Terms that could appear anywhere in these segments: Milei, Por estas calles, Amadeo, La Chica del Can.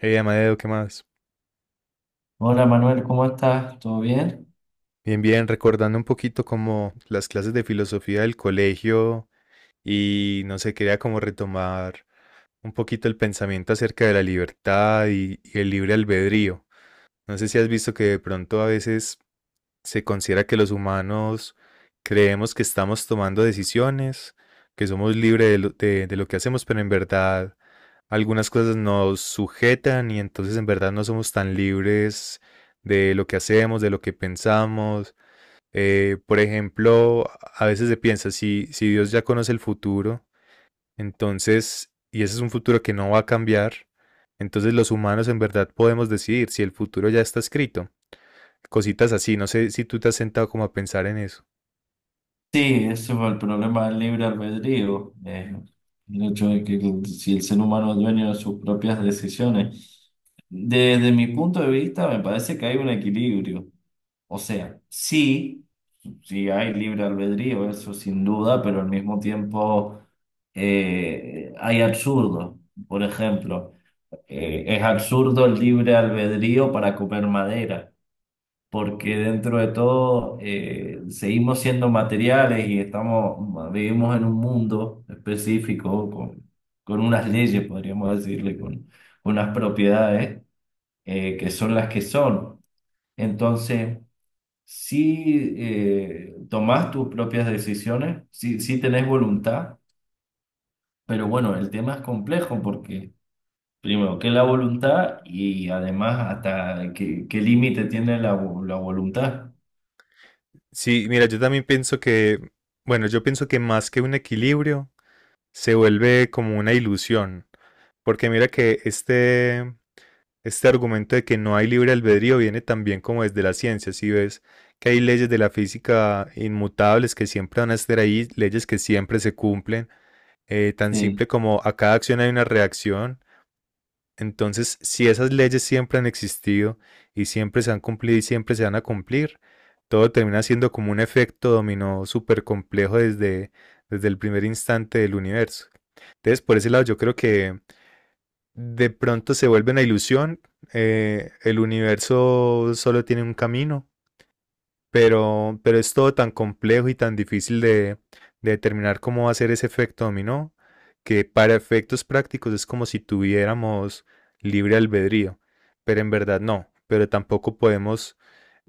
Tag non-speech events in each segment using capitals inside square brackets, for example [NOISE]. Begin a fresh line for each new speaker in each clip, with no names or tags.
Hey, Amadeo, ¿qué más?
Hola Manuel, ¿cómo estás? ¿Todo bien?
Bien, bien, recordando un poquito como las clases de filosofía del colegio y no sé, quería como retomar un poquito el pensamiento acerca de la libertad y el libre albedrío. No sé si has visto que de pronto a veces se considera que los humanos creemos que estamos tomando decisiones, que somos libres de lo que hacemos, pero en verdad algunas cosas nos sujetan y entonces en verdad no somos tan libres de lo que hacemos, de lo que pensamos. Por ejemplo, a veces se piensa, si Dios ya conoce el futuro, entonces, y ese es un futuro que no va a cambiar, entonces los humanos en verdad podemos decidir si el futuro ya está escrito. Cositas así. No sé si tú te has sentado como a pensar en eso.
Sí, ese fue el problema del libre albedrío, el hecho de que si el ser humano es dueño de sus propias decisiones. Desde mi punto de vista, me parece que hay un equilibrio. O sea, sí, sí hay libre albedrío, eso sin duda, pero al mismo tiempo hay absurdo. Por ejemplo, es absurdo el libre albedrío para comer madera. Porque dentro de todo seguimos siendo materiales y vivimos en un mundo específico con unas leyes, podríamos decirle, con unas propiedades que son las que son. Entonces, si tomás tus propias decisiones, si tenés voluntad, pero bueno, el tema es complejo porque... Primero, ¿qué es la voluntad? Y además, qué límite tiene la voluntad.
Sí, mira, yo también pienso que, bueno, yo pienso que más que un equilibrio, se vuelve como una ilusión. Porque mira que este argumento de que no hay libre albedrío viene también como desde la ciencia. Si ves que hay leyes de la física inmutables que siempre van a estar ahí, leyes que siempre se cumplen, tan
Sí.
simple como a cada acción hay una reacción. Entonces, si esas leyes siempre han existido y siempre se han cumplido y siempre se van a cumplir, todo termina siendo como un efecto dominó súper complejo desde el primer instante del universo. Entonces, por ese lado, yo creo que de pronto se vuelve una ilusión. El universo solo tiene un camino, pero es todo tan complejo y tan difícil de determinar cómo va a ser ese efecto dominó, que para efectos prácticos es como si tuviéramos libre albedrío, pero en verdad no, pero tampoco podemos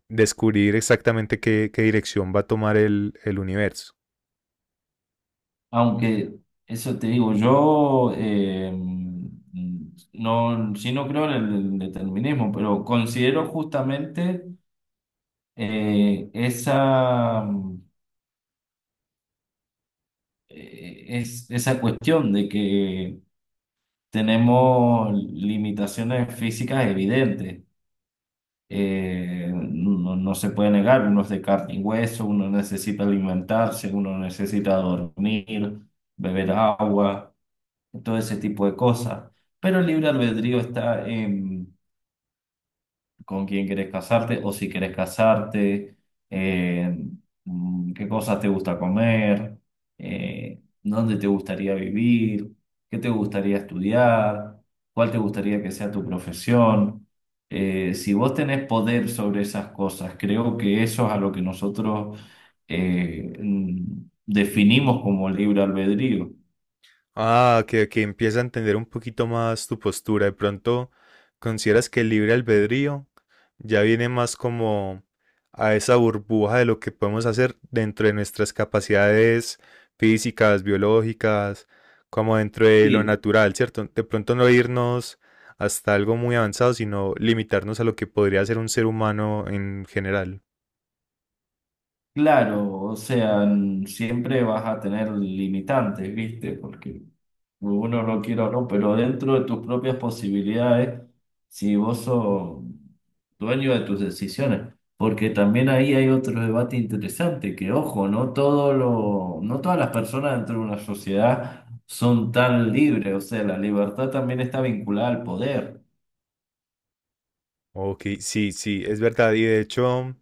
descubrir exactamente qué dirección va a tomar el universo.
Aunque eso te digo, yo no, sí no creo en el determinismo, pero considero justamente eh, esa, esa cuestión de que tenemos limitaciones físicas evidentes. No se puede negar, uno es de carne y hueso, uno necesita alimentarse, uno necesita dormir, beber agua. Todo ese tipo de cosas. Pero el libre albedrío está en con quién querés casarte o si querés casarte, en qué cosas te gusta comer, dónde te gustaría vivir, qué te gustaría estudiar, cuál te gustaría que sea tu profesión. Si vos tenés poder sobre esas cosas, creo que eso es a lo que nosotros definimos como libre albedrío.
Ah, que empieza a entender un poquito más tu postura. De pronto, ¿consideras que el libre albedrío ya viene más como a esa burbuja de lo que podemos hacer dentro de nuestras capacidades físicas, biológicas, como dentro de lo
Sí.
natural, cierto? De pronto no irnos hasta algo muy avanzado, sino limitarnos a lo que podría ser un ser humano en general.
Claro, o sea, siempre vas a tener limitantes, ¿viste? Porque uno lo quiere o no, pero dentro de tus propias posibilidades, si vos sos dueño de tus decisiones, porque también ahí hay otro debate interesante, que ojo, no todas las personas dentro de una sociedad son tan libres, o sea, la libertad también está vinculada al poder,
Ok, sí, sí, es verdad. Y de hecho,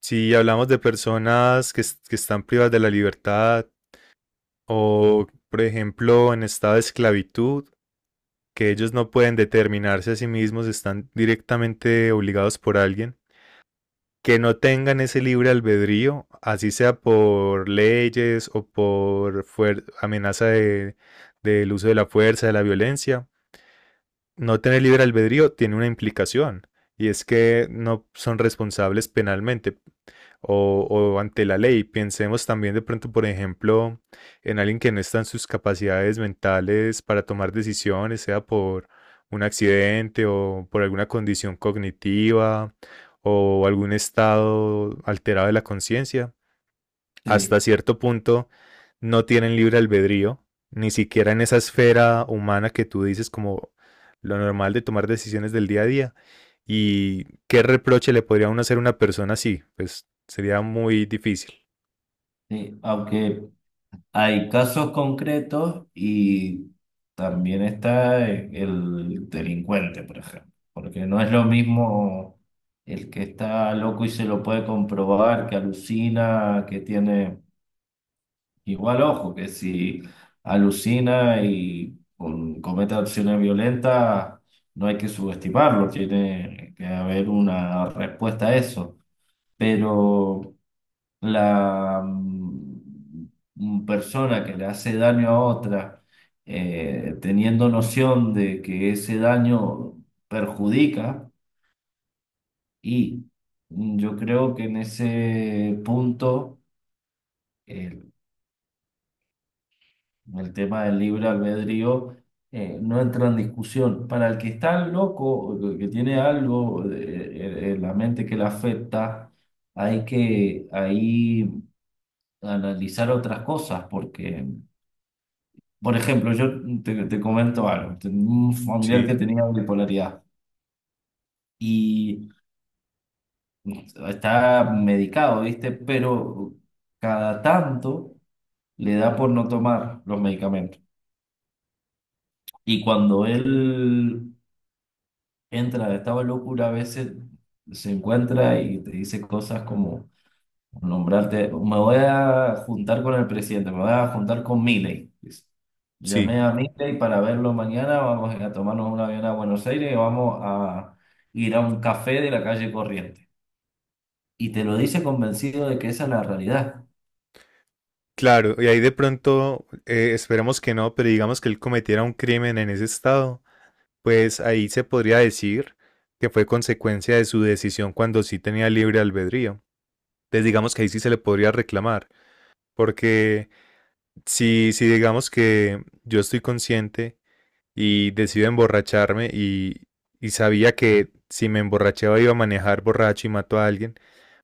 si hablamos de personas que están privadas de la libertad o, por ejemplo, en estado de esclavitud, que ellos no pueden determinarse a sí mismos, están directamente obligados por alguien, que no tengan ese libre albedrío, así sea por leyes o amenaza del uso de la fuerza, de la violencia. No tener libre albedrío tiene una implicación y es que no son responsables penalmente o ante la ley. Pensemos también de pronto, por ejemplo, en alguien que no está en sus capacidades mentales para tomar decisiones, sea por un accidente o por alguna condición cognitiva o algún estado alterado de la conciencia. Hasta
sí,
cierto punto no tienen libre albedrío, ni siquiera en esa esfera humana que tú dices como lo normal de tomar decisiones del día a día. ¿Y qué reproche le podría uno hacer a una persona así? Pues sería muy difícil.
sí, aunque hay casos concretos y también está el delincuente, por ejemplo, porque no es lo mismo el que está loco y se lo puede comprobar, que alucina, que tiene igual ojo, que si alucina y comete acciones violentas, no hay que subestimarlo, tiene que haber una respuesta a eso, pero la persona que le hace daño a otra, teniendo noción de que ese daño perjudica y, yo creo que en ese punto el, el tema del libre albedrío no entra en discusión. Para el que está loco, o el que tiene algo en la mente que le afecta, hay que ahí analizar otras cosas porque... Por ejemplo, yo te comento algo. Tengo un familiar que
Sí,
tenía bipolaridad y está medicado, ¿viste? Pero cada tanto le da por no tomar los medicamentos. Y cuando él entra de estado de locura, a veces se encuentra y te dice cosas como... Nombrarte, me voy a juntar con el presidente, me voy a juntar con Milei. Dice.
sí.
Llamé a Milei para verlo mañana, vamos a tomarnos un avión a Buenos Aires y vamos a ir a un café de la calle Corriente. Y te lo dice convencido de que esa es la realidad.
Claro, y ahí de pronto, esperemos que no, pero digamos que él cometiera un crimen en ese estado, pues ahí se podría decir que fue consecuencia de su decisión cuando sí tenía libre albedrío. Entonces digamos que ahí sí se le podría reclamar. Porque si digamos que yo estoy consciente y decido emborracharme y sabía que si me emborrachaba iba a manejar borracho y mato a alguien,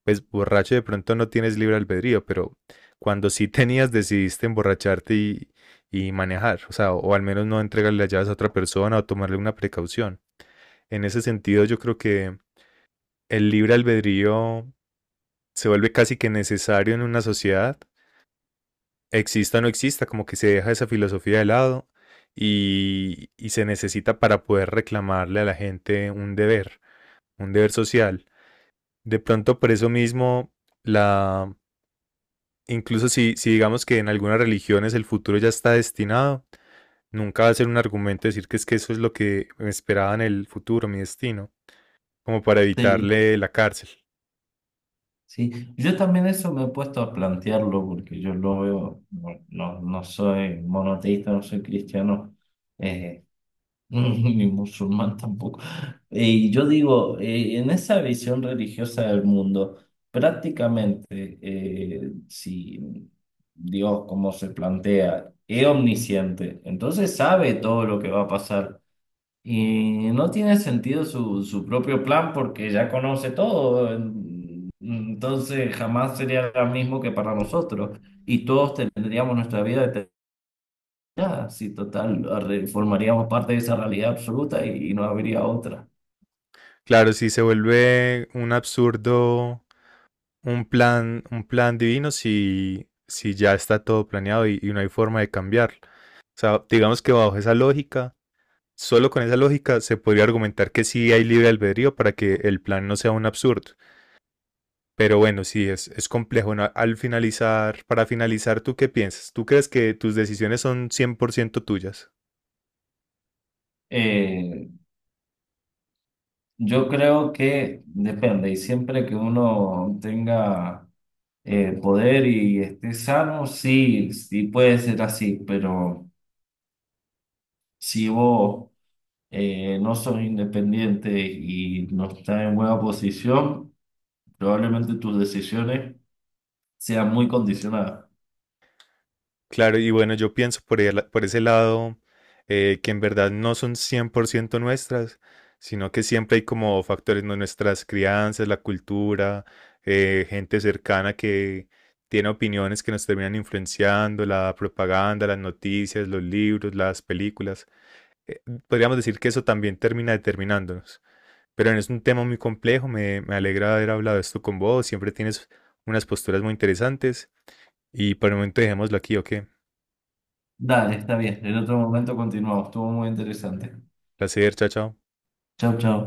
pues borracho de pronto no tienes libre albedrío, pero cuando sí [LAUGHS] tenías decidiste emborracharte y manejar, o sea, o al menos no entregarle las llaves a otra persona o tomarle una precaución. En ese sentido yo creo que el libre albedrío se vuelve casi que necesario en una sociedad, exista o no exista, como que se deja esa filosofía de lado y se necesita para poder reclamarle a la gente un deber social. De pronto por eso mismo, la, incluso si digamos que en algunas religiones el futuro ya está destinado, nunca va a ser un argumento decir que es que eso es lo que me esperaba en el futuro, mi destino, como para
Sí,
evitarle la cárcel.
sí. Yo también eso me he puesto a plantearlo porque yo lo veo, no, no soy monoteísta, no soy cristiano. Eh, [LAUGHS] Ni musulmán tampoco. Y yo digo, en esa visión religiosa del mundo, prácticamente, si Dios, como se plantea, es omnisciente, entonces sabe todo lo que va a pasar. Y no tiene sentido su propio plan porque ya conoce todo. Entonces jamás sería lo mismo que para nosotros. Y todos tendríamos nuestra vida ya, sí, total, formaríamos parte de esa realidad absoluta y no habría otra.
Claro, si se vuelve un absurdo un plan divino si ya está todo planeado y no hay forma de cambiarlo. O sea, digamos que bajo esa lógica, solo con esa lógica se podría argumentar que sí hay libre albedrío para que el plan no sea un absurdo. Pero bueno, sí, es complejo, ¿no? Para finalizar, ¿tú qué piensas? ¿Tú crees que tus decisiones son 100% tuyas?
Eh, yo creo que depende, y siempre que uno tenga poder y esté sano, sí, sí puede ser así, pero si vos no sos independiente y no estás en buena posición, probablemente tus decisiones sean muy condicionadas.
Claro, y bueno, yo pienso por ese lado, que en verdad no son 100% nuestras, sino que siempre hay como factores, ¿no? Nuestras crianzas, la cultura, gente cercana que tiene opiniones que nos terminan influenciando, la propaganda, las noticias, los libros, las películas. Eh, Podríamos decir que eso también termina determinándonos. Pero es un tema muy complejo, me alegra haber hablado esto con vos, siempre tienes unas posturas muy interesantes y por el momento dejémoslo aquí, ¿ok?
Dale, está bien, en otro momento continuamos, estuvo muy interesante.
Placer, chao, chao.
Chao, chao.